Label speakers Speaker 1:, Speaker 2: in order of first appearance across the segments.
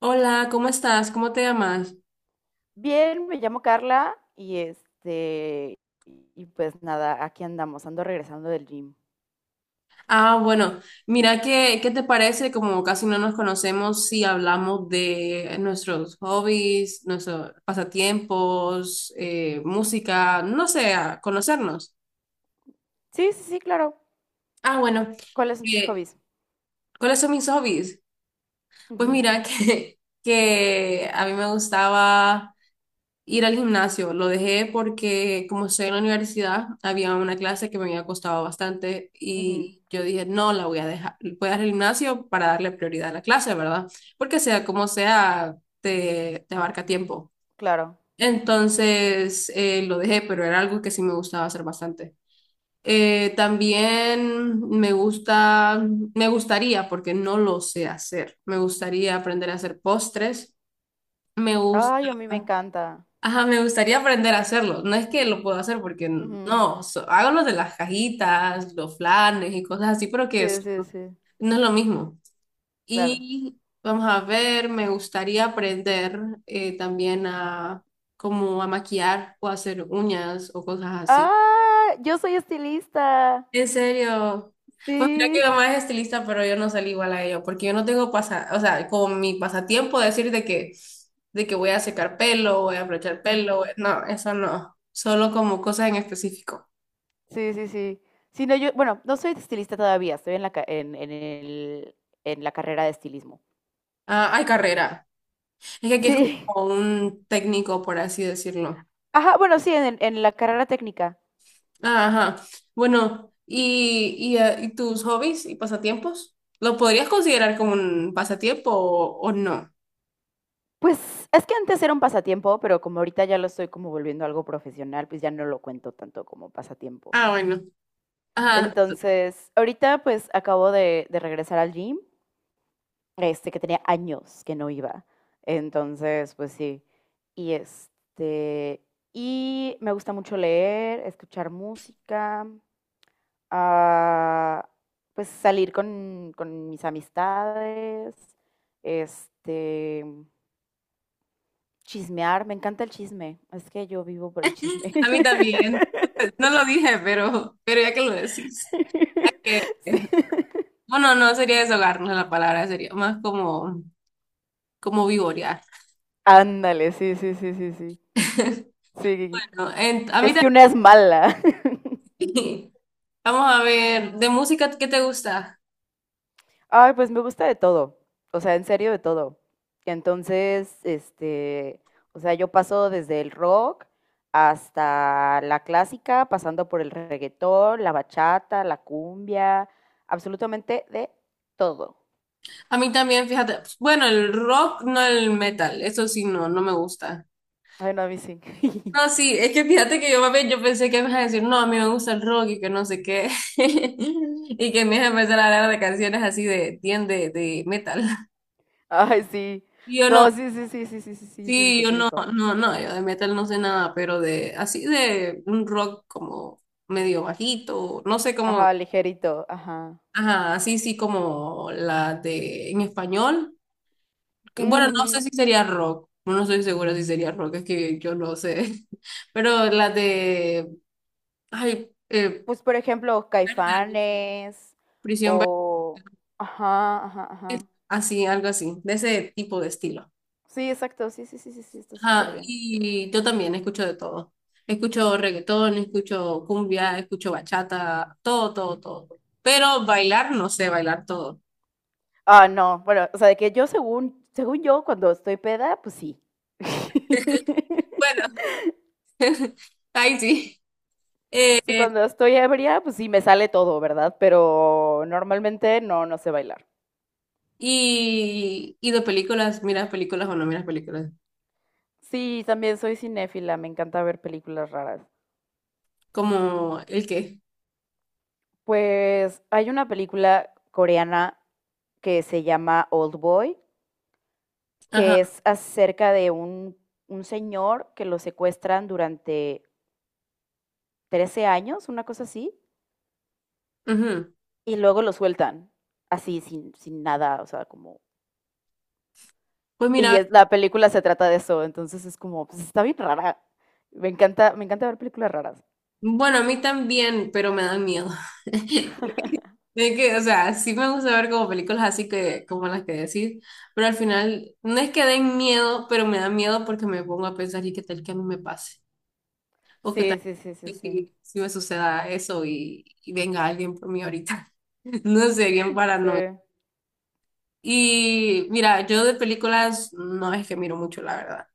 Speaker 1: Hola, ¿cómo estás? ¿Cómo te llamas?
Speaker 2: Bien, me llamo Carla y pues nada, aquí andamos, ando regresando del gym.
Speaker 1: Ah, bueno, mira, ¿qué te parece? Como casi no nos conocemos, si hablamos de nuestros hobbies, nuestros pasatiempos, música, no sé, a conocernos.
Speaker 2: Sí, sí, sí, claro.
Speaker 1: Ah, bueno,
Speaker 2: ¿Cuáles son tus
Speaker 1: eh,
Speaker 2: hobbies?
Speaker 1: ¿cuáles son mis hobbies? Pues
Speaker 2: Ujú.
Speaker 1: mira, que a mí me gustaba. Ir al gimnasio, lo dejé porque como estoy en la universidad, había una clase que me había costado bastante
Speaker 2: Ujú,
Speaker 1: y yo dije, no, la voy a dejar, voy a ir al gimnasio para darle prioridad a la clase, ¿verdad? Porque sea como sea, te abarca tiempo.
Speaker 2: claro.
Speaker 1: Entonces, lo dejé, pero era algo que sí me gustaba hacer bastante. También me gusta, me gustaría, porque no lo sé hacer, me gustaría aprender a hacer postres, me gusta.
Speaker 2: Ay, a mí me encanta.
Speaker 1: Ajá, me gustaría aprender a hacerlo. No es que lo puedo hacer porque
Speaker 2: Ujú.
Speaker 1: no, hago los de las cajitas, los flanes y cosas así, pero
Speaker 2: Sí, sí, sí,
Speaker 1: no es lo mismo.
Speaker 2: claro.
Speaker 1: Y vamos a ver, me gustaría aprender también a como a maquillar o hacer uñas o cosas así.
Speaker 2: Ah, yo soy estilista.
Speaker 1: En serio. Pues mira que mi
Speaker 2: Sí.
Speaker 1: mamá es estilista, pero yo no salí igual a ella, porque yo no tengo pasa, o sea, como mi pasatiempo decir de que voy a secar pelo, voy a aprovechar pelo,
Speaker 2: Ujú.
Speaker 1: no, eso no. Solo como cosas en específico.
Speaker 2: Sí, sí, sí. Sí, no, yo, bueno, no soy estilista todavía, estoy en el, en la carrera de estilismo.
Speaker 1: Ah, hay carrera. Es que aquí es
Speaker 2: Sí.
Speaker 1: como un técnico, por así decirlo.
Speaker 2: Ajá, bueno, sí, en la carrera técnica.
Speaker 1: Ah, ajá. Bueno, y ¿y tus hobbies y pasatiempos? ¿Lo podrías considerar como un pasatiempo o no?
Speaker 2: Pues, es que antes era un pasatiempo, pero como ahorita ya lo estoy como volviendo algo profesional, pues ya no lo cuento tanto como pasatiempo.
Speaker 1: Ah, bueno. Ajá.
Speaker 2: Entonces, ahorita pues acabo de regresar al gym, este, que tenía años que no iba. Entonces, pues sí. Y este, y me gusta mucho leer, escuchar música, ah, pues salir con mis amistades, este, chismear, me encanta el chisme. Es que yo vivo por el chisme.
Speaker 1: A mí también. No lo dije, pero ya que lo decís. Hay que,
Speaker 2: Sí.
Speaker 1: bueno, no sería deshogarnos la palabra, sería más como, como vivorear.
Speaker 2: Ándale, sí, sí, sí, sí, sí. Sí,
Speaker 1: Bueno, a mí
Speaker 2: es que una es mala.
Speaker 1: también. Vamos a ver, de música, ¿qué te gusta?
Speaker 2: Ay, pues me gusta de todo. O sea, en serio, de todo. Entonces, o sea, yo paso desde el rock hasta la clásica, pasando por el reggaetón, la bachata, la cumbia, absolutamente de todo.
Speaker 1: A mí también, fíjate. Bueno, el rock, no el metal. Eso sí, no, no me gusta.
Speaker 2: Ay, no, a mí sí.
Speaker 1: No, sí, es que fíjate que yo, mami, yo pensé que me ibas a decir, no, a mí me gusta el rock y que no sé qué. Y que me ibas a empezar a hablar de canciones así de, bien de metal.
Speaker 2: Ay, sí.
Speaker 1: Y yo no,
Speaker 2: No, sí, sí, sí, sí, sí, sí, sí, sí,
Speaker 1: sí,
Speaker 2: ubico,
Speaker 1: yo
Speaker 2: sí,
Speaker 1: no,
Speaker 2: ubico.
Speaker 1: no, no, yo de metal no sé nada, pero de así de un rock como medio bajito, no sé cómo,
Speaker 2: Ajá, ligerito, ajá.
Speaker 1: ajá, así sí como la de en español. Bueno, no sé
Speaker 2: Ujú.
Speaker 1: si sería rock, no estoy segura si sería rock, es que yo no sé. Pero la de, ay,
Speaker 2: Pues, por ejemplo,
Speaker 1: algo así,
Speaker 2: Caifanes
Speaker 1: Prisión,
Speaker 2: o… Ajá, ajá, ajá.
Speaker 1: así, algo así, de ese tipo de estilo.
Speaker 2: Sí, exacto, sí, sí, sí, sí, sí, está súper
Speaker 1: Ajá,
Speaker 2: bien.
Speaker 1: y yo también escucho de todo. Escucho reggaetón, escucho cumbia, escucho bachata, todo, todo, todo. Pero bailar, no sé bailar todo.
Speaker 2: Ah, no, bueno, o sea, de que yo según, según yo, cuando estoy peda, pues sí.
Speaker 1: Bueno, ahí sí. Eh,
Speaker 2: Sí,
Speaker 1: eh,
Speaker 2: cuando estoy ebria, pues sí, me sale todo, ¿verdad? Pero normalmente no, no sé bailar.
Speaker 1: y de películas, ¿miras películas o no miras películas?
Speaker 2: Sí, también soy cinéfila, me encanta ver películas raras.
Speaker 1: Como el qué.
Speaker 2: Pues hay una película coreana que se llama Old Boy, que
Speaker 1: Ajá.
Speaker 2: es acerca de un señor que lo secuestran durante 13 años, una cosa así,
Speaker 1: Ujú.
Speaker 2: y luego lo sueltan, así, sin nada, o sea, como…
Speaker 1: Pues
Speaker 2: Y
Speaker 1: mira,
Speaker 2: es- la película se trata de eso, entonces es como, pues está bien rara. Me encanta ver películas raras.
Speaker 1: bueno, a mí también, pero me dan miedo. Es que, o sea, sí me gusta ver como películas así que, como las que decís, pero al final no es que den miedo, pero me da miedo porque me pongo a pensar y qué tal que a mí me pase, o qué
Speaker 2: Sí,
Speaker 1: tal
Speaker 2: sí, sí, sí,
Speaker 1: que
Speaker 2: sí.
Speaker 1: si, si me suceda eso y venga alguien por mí ahorita. No sé, bien
Speaker 2: Sí.
Speaker 1: paranoico. Y mira, yo de películas no es que miro mucho, la verdad.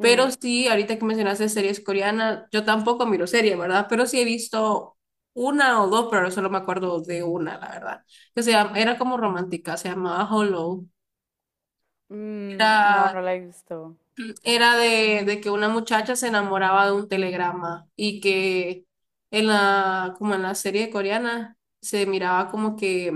Speaker 1: Pero sí, ahorita que mencionaste series coreanas, yo tampoco miro series, ¿verdad? Pero sí he visto una o dos, pero no solo me acuerdo de una, la verdad. Era como romántica, se llamaba Hollow.
Speaker 2: no,
Speaker 1: Era,
Speaker 2: no la he visto.
Speaker 1: era de que una muchacha se enamoraba de un telegrama y que en la, como en la serie coreana se miraba como que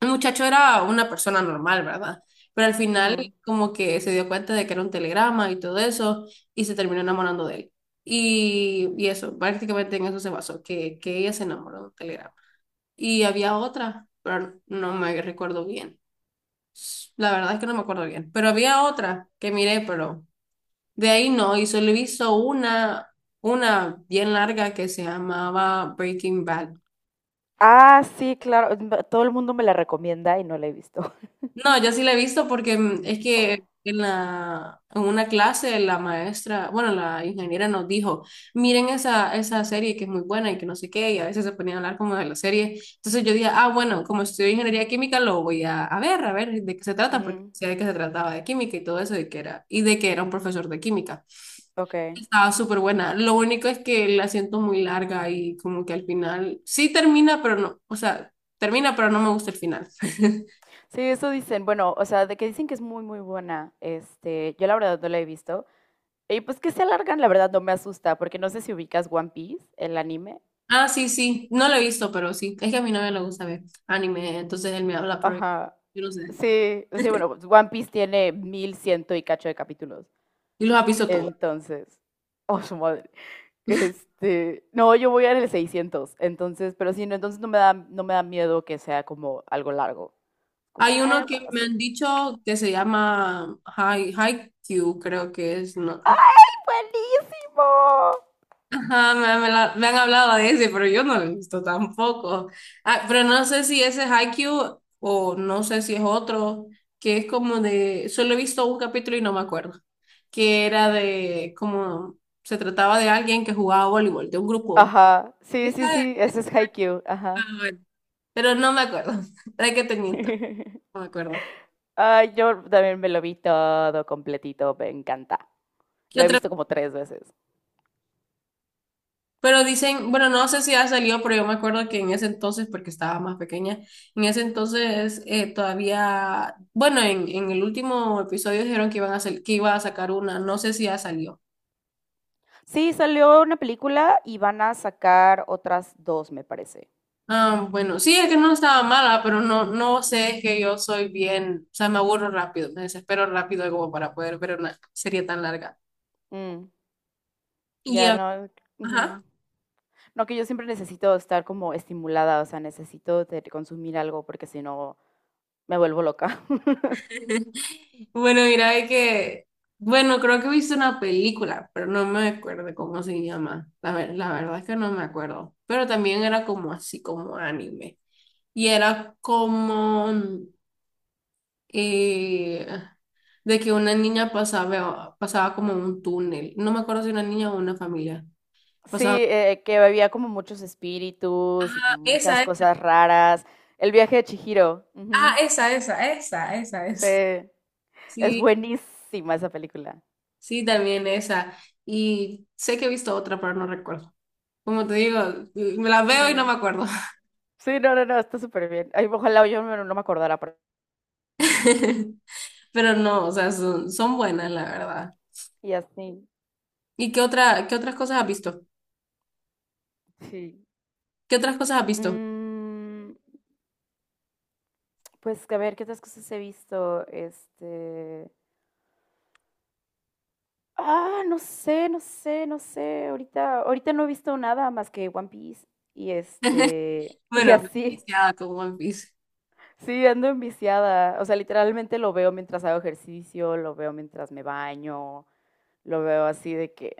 Speaker 1: el muchacho era una persona normal, ¿verdad? Pero al final
Speaker 2: Ujú.
Speaker 1: como que se dio cuenta de que era un telegrama y todo eso y se terminó enamorando de él. Y eso, prácticamente en eso se basó, que ella se enamoró de un telegrama. Y había otra, pero no me recuerdo bien. La verdad es que no me acuerdo bien, pero había otra que miré, pero de ahí no, y solo he visto una bien larga que se llamaba Breaking Bad.
Speaker 2: Ah, sí, claro. m- Todo el mundo me la recomienda y no la he visto.
Speaker 1: No, yo sí la he visto porque es que en la, en una clase la maestra, bueno, la ingeniera nos dijo, miren esa, esa serie que es muy buena y que no sé qué, y a veces se ponía a hablar como de la serie. Entonces yo dije, ah, bueno, como estudio ingeniería química, lo voy a ver de qué se trata, porque
Speaker 2: Ujú.
Speaker 1: decía de que se trataba de química y todo eso, y que era, y de que era un profesor de química.
Speaker 2: Ok.
Speaker 1: Estaba súper buena. Lo único es que la siento muy larga y como que al final sí termina, pero no, o sea, termina, pero no me gusta el final.
Speaker 2: Sí, eso dicen. Bueno, o sea, de que dicen que es muy, muy buena. Este, yo la verdad no la he visto. Y pues que se alargan, la verdad no me asusta, porque no sé si ubicas One Piece, el anime.
Speaker 1: Ah, sí, sí. No lo he visto, pero sí. Es que a mi novia le gusta ver anime, entonces él me habla, pero
Speaker 2: Ajá.
Speaker 1: yo no sé.
Speaker 2: Sí, sí, bueno, pues, One Piece tiene mil ciento y cacho de capítulos.
Speaker 1: Y los ha visto todos.
Speaker 2: Entonces, oh, su madre. Este, no, yo voy a ir el 600, entonces, pero sí, no, entonces no me da miedo que sea como algo largo. Como,
Speaker 1: Hay uno
Speaker 2: ah, bueno,
Speaker 1: que me
Speaker 2: sí.
Speaker 1: han dicho que se llama Haikyuu, creo que es. No.
Speaker 2: ¡Ay, buenísimo!
Speaker 1: Ajá, me han hablado de ese, pero yo no lo he visto tampoco. Ah, pero no sé si ese es Haikyuu o no sé si es otro, que es como de... Solo he visto un capítulo y no me acuerdo. Que era de como... Se trataba de alguien que jugaba voleibol, de un grupo.
Speaker 2: Ajá, sí, sí, sí, ese es Haikyuu, ajá.
Speaker 1: Ah, bueno, pero no me acuerdo. ¿Para que te miento? No me acuerdo.
Speaker 2: Ay, yo también me lo vi todo completito, me encanta.
Speaker 1: ¿Qué
Speaker 2: Lo he
Speaker 1: otra?
Speaker 2: visto como 3 veces.
Speaker 1: Pero dicen, bueno, no sé si ha salido, pero yo me acuerdo que en ese entonces, porque estaba más pequeña, en ese entonces todavía, bueno, en el último episodio dijeron que iban a que iba a sacar una, no sé si ya salió.
Speaker 2: Sí, salió una película y van a sacar otras dos, me parece.
Speaker 1: Ah, bueno, sí, es que no estaba mala, pero no, no sé, es que yo soy bien, o sea, me aburro rápido, me desespero rápido como para poder ver una serie tan larga.
Speaker 2: Mm,
Speaker 1: Y,
Speaker 2: ya
Speaker 1: ah,
Speaker 2: no. Ujú.
Speaker 1: ajá.
Speaker 2: No, que yo siempre necesito estar como estimulada, o sea, necesito de consumir algo porque si no me vuelvo loca.
Speaker 1: Bueno, mira, de que, bueno, creo que he visto una película, pero no me acuerdo cómo se llama. La verdad es que no me acuerdo, pero también era como así, como anime. Y era como eh, de que una niña pasaba, pasaba como un túnel. No me acuerdo si una niña o una familia.
Speaker 2: Sí,
Speaker 1: Pasaba.
Speaker 2: que había como muchos espíritus y
Speaker 1: Ah,
Speaker 2: como muchas
Speaker 1: esa, esa.
Speaker 2: cosas raras. El viaje de Chihiro.
Speaker 1: Ah,
Speaker 2: Ujú.
Speaker 1: esa, esa, esa, esa,
Speaker 2: Sí,
Speaker 1: esa.
Speaker 2: es
Speaker 1: Sí,
Speaker 2: buenísima esa película.
Speaker 1: sí, también esa. Y sé que he visto otra, pero no recuerdo. Como te digo, me las veo y no
Speaker 2: Ujú.
Speaker 1: me acuerdo.
Speaker 2: Sí, no, no, no, está súper bien. Ay, ojalá yo no, no me acordara. Pero-
Speaker 1: Pero no, o sea, son, son buenas, la verdad.
Speaker 2: Y así,
Speaker 1: ¿Y qué otra, qué otras cosas has visto?
Speaker 2: sí.
Speaker 1: ¿Qué otras cosas has visto?
Speaker 2: Mm, pues a ver, ¿qué otras cosas he visto? Este… Ah, no sé, no sé, no sé. Ahorita, ahorita no he visto nada más que One Piece. Y este… Y
Speaker 1: Bueno,
Speaker 2: así.
Speaker 1: viciada con One Piece.
Speaker 2: Sí, ando enviciada. O sea, literalmente lo veo mientras hago ejercicio, lo veo mientras me baño, lo veo así de que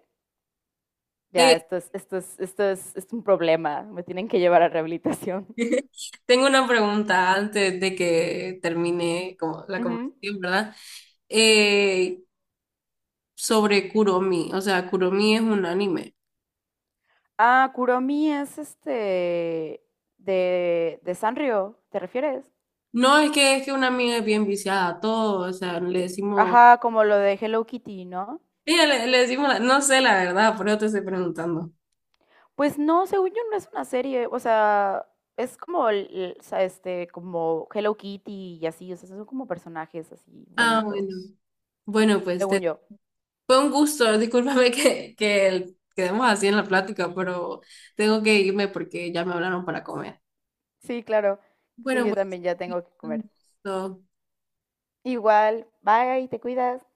Speaker 2: ya,
Speaker 1: Eh,
Speaker 2: esto es, esto es, esto es un problema. Me tienen que llevar a rehabilitación.
Speaker 1: tengo una pregunta antes de que termine como la
Speaker 2: Ujú.
Speaker 1: conversación, ¿verdad? Eh, sobre Kuromi. O sea, Kuromi es un anime.
Speaker 2: Ah, Kuromi es este de Sanrio, ¿te refieres?
Speaker 1: No es que es que una amiga es bien viciada a todo, o sea, le decimos,
Speaker 2: Ajá, como lo de Hello Kitty, ¿no?
Speaker 1: ella le decimos, no sé la verdad, por eso te estoy preguntando.
Speaker 2: Pues no, según yo no es una serie, o sea, es como, el- o sea, este, como Hello Kitty y así, o sea, son como personajes así
Speaker 1: Ah, bueno.
Speaker 2: bonitos,
Speaker 1: Bueno,
Speaker 2: según yo.
Speaker 1: fue un gusto. Discúlpame que quedemos así en la plática, pero tengo que irme porque ya me hablaron para comer.
Speaker 2: Sí, claro. Sí,
Speaker 1: Bueno,
Speaker 2: yo
Speaker 1: pues
Speaker 2: también ya tengo que
Speaker 1: un
Speaker 2: comer.
Speaker 1: gusto.
Speaker 2: Igual, bye, te cuidas.